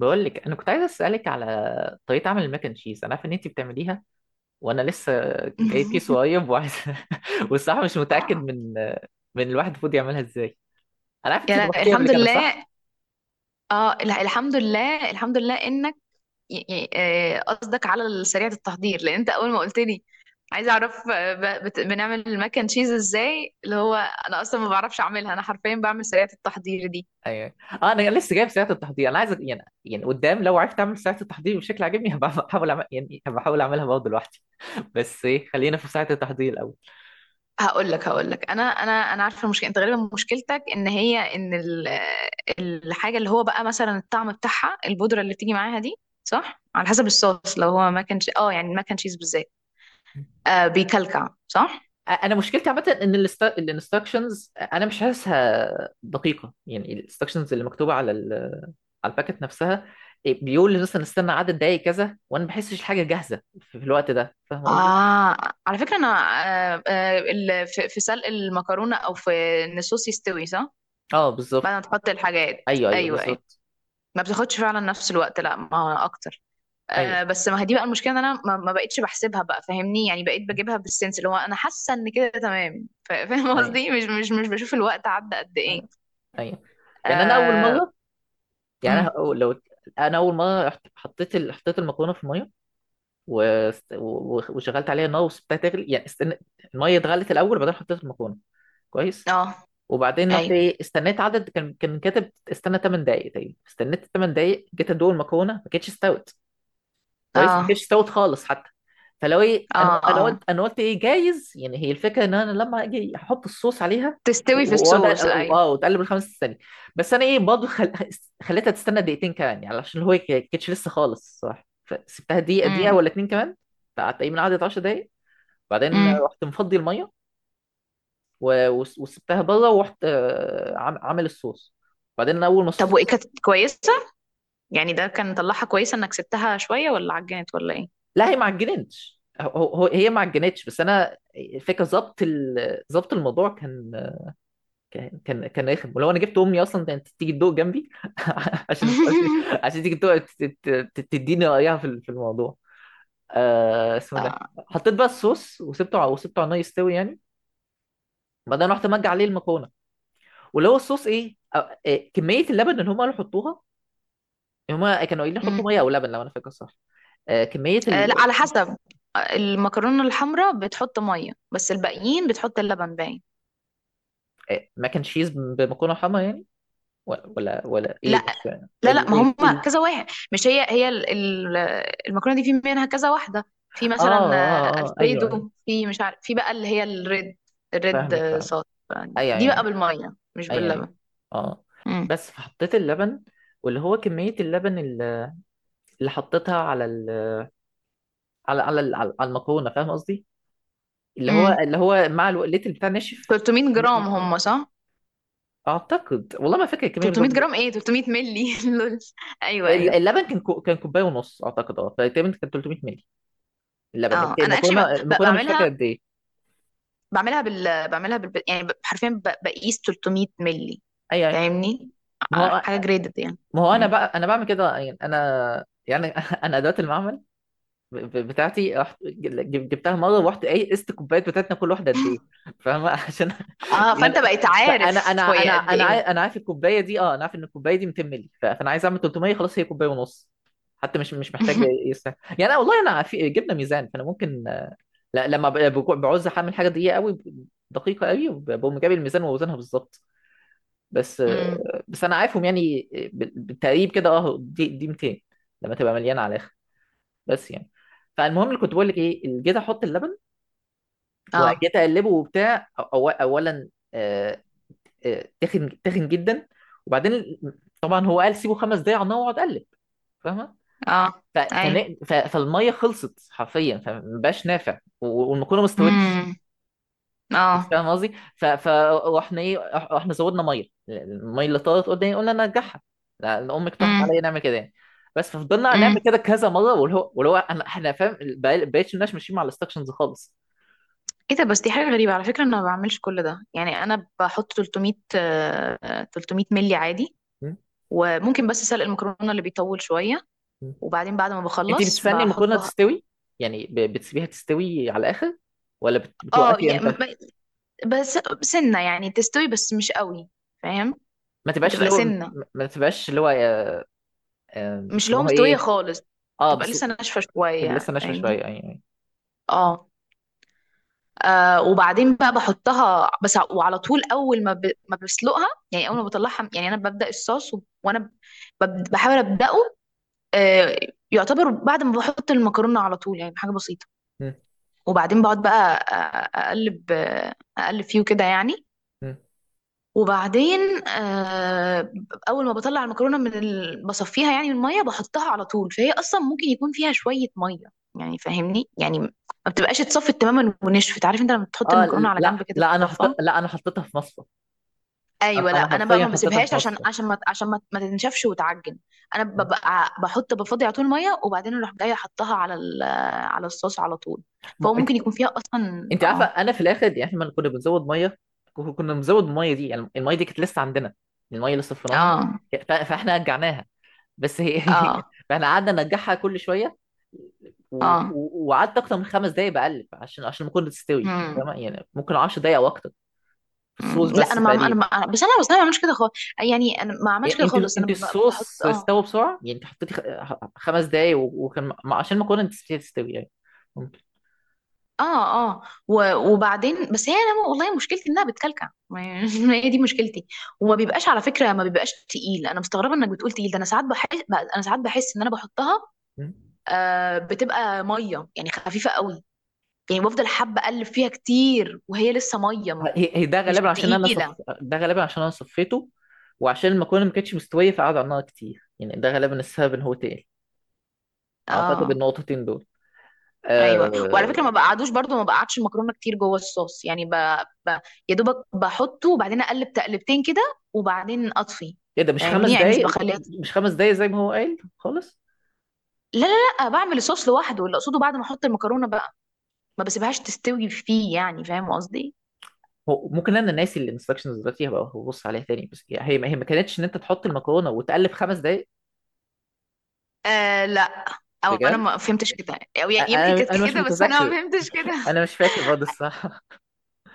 بقول لك انا كنت عايز اسالك على طريقه عمل الماك اند تشيز. انا عارف ان انت بتعمليها وانا لسه جايب كيس قريب وعايز والصراحه مش متاكد من الواحد المفروض يعملها ازاي. انا عارف يا انت لا، طبختيها قبل الحمد كده، صح؟ لله. اه لا، الحمد لله الحمد لله انك قصدك على سريعة التحضير، لان انت اول ما قلت لي عايزه اعرف بنعمل المكن تشيز ازاي. اللي هو انا اصلا ما بعرفش اعملها، انا حرفيا بعمل سريعة التحضير دي. ايوه، اه انا لسه جايب ساعه التحضير، انا عايز يعني قدام لو عرفت اعمل ساعه التحضير بشكل عاجبني هبقى احاول أعمل... يعني هبقى احاول اعملها برضه لوحدي. بس ايه، خلينا في ساعه التحضير الاول. هقول لك، انا عارفه المشكله. انت غالبا مشكلتك ان هي ان ال- آه، الحاجه اللي هو بقى مثلا الطعم بتاعها، البودره اللي بتيجي معاها دي، صح؟ على حسب الصوص، لو هو ماكن، يعني الماكن تشيز بالذات آه بيكلكع، صح؟ انا مشكلتي عامه ان الانستراكشنز انا مش حاسسها دقيقه، يعني الانستراكشنز اللي مكتوبه على الباكت نفسها، بيقول لي مثلا استنى عدد دقايق كذا وانا ما بحسش الحاجه جاهزه في الوقت ده، فاهم قصدي؟ آه على فكرة أنا، في سلق المكرونة أو في إن الصوص يستوي، صح؟ اه بعد ما بالظبط. تحط الحاجات، ايوه أيوه أيوه. بالظبط. ما بتاخدش فعلا نفس الوقت، لا، ما أكتر. ايوه آه. بس ما هي دي بقى المشكلة، إن أنا ما بقتش بحسبها بقى، فاهمني؟ يعني بقيت بجيبها بالسنس، اللي هو أنا حاسة إن كده تمام، فاهم ايوه قصدي؟ مش بشوف الوقت عدى قد إيه. ايوه أيوة. يعني انا اول آه. مره، أمم. لو انا اول مره حطيت حطيت المكرونه في الميه وشغلت عليها النار وسبتها تغلي، يعني استنى الميه اتغلت الاول وبعدين حطيت المكرونه. كويس. آه. وبعدين رحت أيوه. ايه، استنيت عدد، كان كاتب استنى 8 دقايق تقريبا، استنيت 8 دقايق جيت ادوق المكرونه ما كانتش استوت. كويس، ما آه. كانتش استوت خالص حتى. فلو ايه، انا آه انا قلت آه انا قلت ايه، جايز يعني هي الفكره ان انا لما اجي احط الصوص عليها تستوي في وأقعد- الصوص، أيوه. اه وتقلب الخمس ثواني. بس انا ايه، برضه خليتها تستنى دقيقتين كمان، يعني عشان هو ما كانتش لسه خالص، صح؟ فسبتها دقيقه أمم. ولا اتنين كمان. فقعدت تقريبا قعدت 10 دقايق، بعدين أمم. رحت مفضي الميه وسبتها بره، ورحت عامل الصوص. بعدين انا اول ما طب وإيه، الصوص. كانت كويسة؟ يعني ده كان طلعها كويسة انك سبتها شوية، ولا عجنت ولا ايه؟ لا هي ما عجنتش، هي ما عجنتش، بس انا الفكره ظبط الموضوع كان، كان رخم، ولو انا جبت امي اصلا كانت تيجي تدوق جنبي، عشان عشان عشان تيجي تدوق تديني رايها في في الموضوع، آه اسمه ده. آه. حطيت بقى الصوص وسبته وسبته على النار يستوي يعني. بعدين رحت مجي عليه المكرونه، واللي هو الصوص ايه أو- إيه، كميه اللبن اللي هم قالوا حطوها. هما كانوا قايلين حطوا مم. ميه او لبن لو انا فاكر صح. آه، كمية آه ال... لا، على حسب. آه، المكرونة الحمراء بتحط مية بس، الباقيين بتحط اللبن باين. آه، ماك اند تشيز بمكرونة حمرا يعني، ولا ايه، لا. مش فاهم لا لا ما هم كذا واحد. مش هي هي ال- ال- المكرونة دي في منها كذا واحدة. في اه مثلا آه، اه اه ايوه ايوه. الفريدو، في مش عارف، في بقى اللي هي الريد. الريد، فاهمك آه، فاهمك. صوص. ايوه دي ايوه بقى ايوه بالمية مش ايوه أيوه. باللبن. اه امم. بس فحطيت اللبن، واللي هو كمية اللبن اللي، اللي حطيتها على على المكرونة، فاهم قصدي؟ اللي هو امم. اللي هو مع الوقلات اللي بتاع ناشف. 300 ن- جرام ن- هم، صح؟ اعتقد والله ما فاكر الكميه 300 بالظبط. جرام؟ ايه، 300 مللي. لول. ايوه ايوه. اللبن كان كان كوبايه ونص اعتقد، اه فتقريبا كان 300 مللي اللبن. اه انا اكشلي المكرونه، المكرونه مش فاكر بعملها. قد ايه. بعملها بال، بعملها بال، يعني ب- حرفيا، ب- بقيس 300 مللي، اي اي. فاهمني؟ ما ع- هو حاجه جريدد يعني. ما هو انا مم. بقى انا بعمل كده، يعني انا يعني انا ادوات المعمل بتاعتي رحت جبتها مره ورحت ايه قست الكوبايات بتاعتنا كل واحده قد ايه، فاهمه؟ عشان اه، يعني فانت بقيت فانا انا عارف هي انا قد انا ايه. عارف، انا عارف الكوبايه دي، اه انا عارف ان الكوبايه دي 200 مللي، فانا عايز اعمل 300، خلاص هي كوبايه ونص، حتى مش محتاج يستاهل يعني. أنا والله انا في جبنا ميزان فانا ممكن آه، لا بعوز اعمل حاجه دقيقه قوي، دقيقه قوي بقوم جايب الميزان واوزنها بالظبط، بس. مم. انا عارفهم يعني بالتقريب كده، اه دي 200 لما تبقى مليانه على الاخر، بس يعني. فالمهم اللي كنت بقول لك، ايه اللي جيت احط اللبن اه. وجيت اقلبه وبتاع اولا آه، تخن جدا. وبعدين طبعا هو قال سيبه خمس دقايق على النار واقعد اقلب، فاهمه؟ اه. اي. فالميه خلصت حرفيا فمبقاش نافع، والمكرونه ما استوتش امم. بس، اه. فاهم قصدي؟ واحنا ايه، واحنا زودنا ميه، الميه اللي طارت قدامي قلنا نرجعها، لان امي اقترحت امم. عليا نعمل كده يعني. بس ففضلنا نعمل امم. كده كذا مره، واللي هو احنا فاهم بقيتش الناس ماشيين مع الانستكشنز خالص. ايه ده بس؟ دي حاجه غريبه على فكره، انا ما بعملش كل ده. يعني انا بحط 300 آه، 300 ملي عادي. مم. وممكن بس سلق المكرونه اللي بيطول شويه، مم. وبعدين بعد ما انت بخلص بتستني المكرونه بحطها. تستوي، يعني بتسيبيها تستوي على الاخر ولا اه. بتوقفي يا- امتى؟ م- بس سنة يعني، تستوي بس مش قوي، فاهم؟ ما تبقاش بتبقى اللي هو ما، سنة، ما تبقاش اللي هو آه، مش اللي هو بيسموها مستوية ايه، خالص، اه بتبقى بس. لسه ناشفة تبقى شوية، لسه ناشفه فاهمني؟ شويه يعني. اه. آه وبعدين بقى بحطها، بس ع- وعلى طول، اول ما ب... ما بسلقها، يعني اول ما بطلعها، يعني انا ببدأ الصوص، و... وانا ب... بب- بحاول ابدأه. آه. يعتبر بعد ما بحط المكرونة على طول، يعني حاجة بسيطة. مم. وبعدين بقعد بقى أ- أ- اقلب آه، اقلب فيه كده يعني. مم. وبعدين آه، اول ما بطلع المكرونه من ال... بصفيها يعني من الميه، بحطها على طول، فهي اصلا ممكن يكون فيها شويه ميه، يعني فاهمني؟ يعني ما بتبقاش اتصفت تماما ونشفت. عارف انت لما تحط اه. المكرونه على جنب كده تتصفى؟ لا انا حطيتها في مصفى. ايوه. لا أنا انا بقى حرفيا ما حطيتها بسيبهاش في عشان، مصر. عشان ما، عشان ما تنشفش وتعجن. انا ببقى بحط، بفضي على طول ميه، وبعدين اروح جايه احطها على ال... على الصوص على طول. فهو ما... انت، ممكن يكون فيها اصلا. انت عارفه اه. انا في الاخر يعني احنا لما كنا بنزود ميه، كنا بنزود الميه دي، يعني الميه دي كانت لسه عندنا، الميه اللي صفيناها اه. فاحنا رجعناها بس هي، اه. فاحنا قعدنا نرجعها كل شويه و... اه. وقعدت اكتر من خمس دقايق بقلب عشان عشان المكرونه تستوي مم. تمام، يعني ممكن 10 دقايق او اكتر في مم، الصوص لا بس انا ما، انا تقريبا. ما، بس انا، بس انا ما بعملش كده خالص. يعني انا ما عملتش يعني كده انت خالص. انا انت ب- بحط. الصوص اه. استوى بسرعه، يعني انت حطيتي خمس دقايق وكان عشان المكرونه تستوي يعني. اه. اه. و- وبعدين، بس هي، انا والله مشكلتي انها بتكلكع ما. هي دي مشكلتي. وما بيبقاش على فكره، ما بيبقاش تقيل. انا مستغربه انك بتقول تقيل ده. انا ساعات بحس، انا ساعات بحس ان انا بحطها ممكن. آه بتبقى ميه، يعني خفيفه قوي. يعني بفضل حابه اقلب فيها كتير وهي لسه ميه، هي ده مش غالبا عشان انا تقيله. ده غالبا عشان انا صفيته، وعشان المكرونه ما كانتش مستويه فقعد على النار كتير، يعني ده غالبا السبب ان هو تقل، اعتقد اه. النقطتين دول. ايوه، وعلى آه... فكره ما بقعدوش برضو، ما بقعدش المكرونه كتير جوه الصوص، يعني ب... ب... يا دوبك بحطه وبعدين اقلب تقلبتين كده وبعدين اطفي، ايه ده، فاهمني؟ يعني مش بخليها. مش خمس دقايق زي ما هو قال خالص. لا. لا بعمل الصوص لوحده، اللي اقصده بعد ما احط المكرونه بقى ما بسيبهاش تستوي فيه، يعني فاهم قصدي؟ هو ممكن انا ناسي الانستراكشنز دلوقتي، هبقى ببص عليها تاني، بس هي، هي ما كانتش ان انت تحط المكرونه وتقلب خمس دقايق، آه لا. او انا بجد. ما فهمتش كده. او ي- يمكن كانت انا مش كده بس انا ما متذكر، فهمتش كده. انا مش فاكر برضه الصراحه.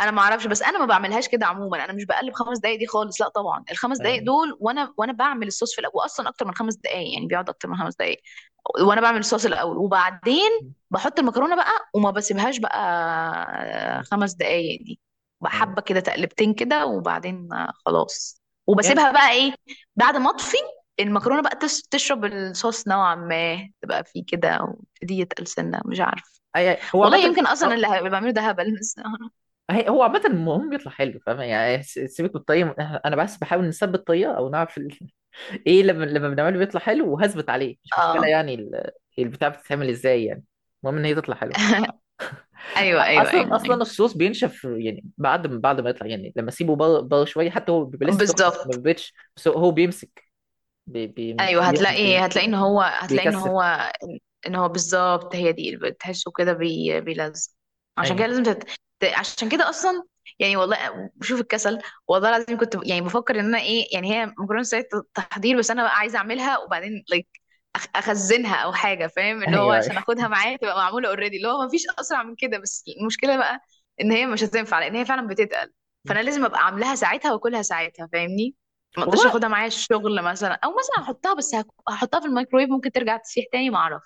انا ما اعرفش، بس انا ما بعملهاش كده عموما. انا مش بقلب خمس دقايق دي خالص، لا طبعا. الخمس دقايق يعني دول، وانا بعمل الصوص في الاول، واصلا اكتر من خمس دقايق. يعني بيقعد اكتر من خمس دقايق وانا بعمل الصوص الاول، وبعدين بحط المكرونه بقى، وما بسيبهاش بقى خمس دقايق دي. يعني بحبه كده تقلبتين كده، وبعدين خلاص. يعني وبسيبها بقى ايه، بعد ما اطفي، المكرونه بقى تس- تشرب الصوص نوعا ما، تبقى فيه كده ويبتدي يتقل سنه، مش عارف هو والله. عامه، يمكن اصلا اللي هبقى بعمله ده هبل، بس. هو عامة المهم بيطلع حلو، فاهم يعني؟ سيبك من الطريقة، أنا بس بحاول نثبت الطريقة أو نعرف إيه، لما بنعمله بيطلع حلو وهثبت عليه، مش مشكلة اه. يعني البتاع بتتعمل إزاي يعني، المهم إن هي تطلع حلوة. ايوه ايوه أصلا ايوه أصلا ايوه الصوص بينشف يعني بعد ما يطلع، يعني لما أسيبه بره شوية، حتى هو بيبقى لسه سخن ما بالظبط. بيبقاش، بس هو هو بيمسك بي... بي... ايوه، بي... هتلاقي ان هو، هتلاقي ان بيكثف. هو، ان هو بالظبط، هي دي اللي بتحسه كده، بي... بيلزق. عشان كده أيوه لازم تت... ت- عشان كده اصلا. يعني والله بشوف الكسل، والله العظيم كنت ب- يعني بفكر ان انا ايه، يعني هي مكرونه سريعه التحضير، بس انا بقى عايزه اعملها وبعدين لايك أخ... اخزنها او حاجه، فاهم؟ اللي هو أيوه أيوه. عشان اخدها معايا، تبقى معموله اوريدي، اللي هو مفيش اسرع من كده. بس المشكله بقى ان هي مش هتنفع، لان هي فعلا بتتقل. فانا لازم ابقى عاملاها ساعتها واكلها ساعتها، فاهمني؟ ما اقدرش والله اخدها معايا الشغل مثلا، او مثلا احطها، بس هك- هحطها في الميكرويف، ممكن ترجع تسيح تاني، ما اعرف.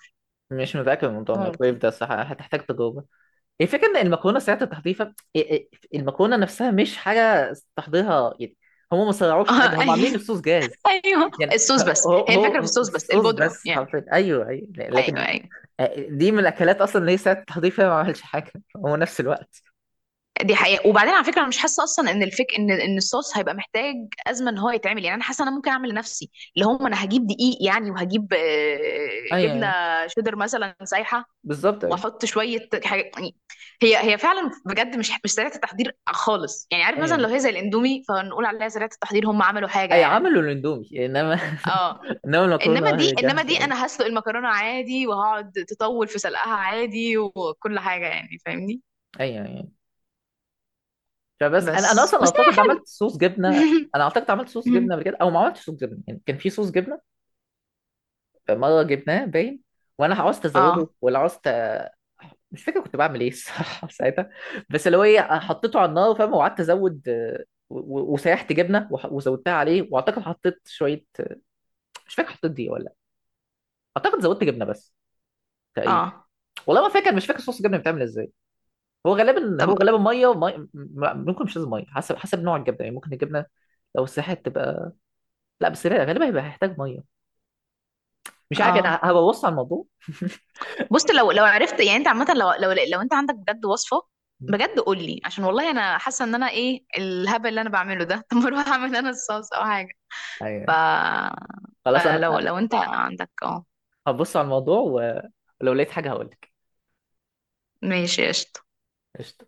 مش متأكد من موضوع الميكرويف ممكن. ده الصراحة، هتحتاج تجربة. الفكرة إن المكرونة ساعة التحضير، المكرونة نفسها مش حاجة تحضيرها يعني، هم ما سرعوش حاجة، آه، هم عاملين ايوه الصوص جاهز. ايوه. يعني الصوص بس. هو هي الفكره في هو الصوص بس، الصوص البودره بس يعني. حرفيا، أيوه أيوه ايوه لكن. ايوه. دي من الأكلات أصلا اللي هي ساعة التحضير فيها ما عملش حاجة، هو نفس الوقت. دي حقيقة. وبعدين على فكرة أنا مش حاسة أصلا إن الفك، إن إن الصوص هيبقى محتاج أزمة إن هو يتعمل. يعني أنا حاسة أنا ممكن أعمل لنفسي اللي هم، أنا هجيب دقيق يعني، وهجيب آه، أيوه جبنة أيوه شيدر مثلا سايحة، بالظبط. أيوه وأحط شوية حاجة يعني. هي هي فعلا بجد مش مش سريعة التحضير خالص. يعني عارف مثلا أيوه، لو هي زي الإندومي فنقول عليها سريعة التحضير، هم عملوا حاجة أي يعني. عملوا الأندومي، إنما اه. إنما انما المكرونة دي، هي انما جاهزة دي انا أيوه. هسلق المكرونه عادي وهقعد تطول في سلقها عادي وكل حاجه يعني، فاهمني؟ أيوه فبس، أنا بس أصلا بس هي أعتقد عملت حلو. صوص جبنة. أنا أعتقد عملت صوص جبنة قبل كده، أو ما عملتش صوص جبنة، يعني كان في صوص جبنة مرة جبناه باين، وانا عاوزت اه. ازوده ولا عاوزت، مش فاكر كنت بعمل ايه الصراحة ساعتها. بس اللي هو ايه حطيته على النار، فاهم؟ وقعدت ازود آه، وسيحت جبنة وزودتها عليه، واعتقد حطيت شوية آه، مش فاكر حطيت دي ولا لأ. اعتقد زودت جبنة بس، تقريبا. اه. والله ما فاكر، مش فاكر صوص الجبنة بتعمل ازاي. هو غالبا طب. هو غالبا مية ممكن مش لازم مية، حسب نوع الجبنة، يعني ممكن الجبنة لو سيحت تبقى، لا بس غالبا هيبقى هيحتاج مية، مش عارف انا اه. هبقى ببص على الموضوع. بص، لو لو عرفت يعني، انت عامه، لو لو لو انت عندك بجد وصفه بجد قول لي، عشان والله انا حاسه ان انا ايه الهبل اللي انا بعمله ده. طب ما اروح اعمل انا الصوص او حاجه. ايوه ف، أيوة. خلاص فلو انا لو انت عندك اه. هبص على الموضوع ولو لقيت حاجة هقولك. ماشي، قشطه. قشطة.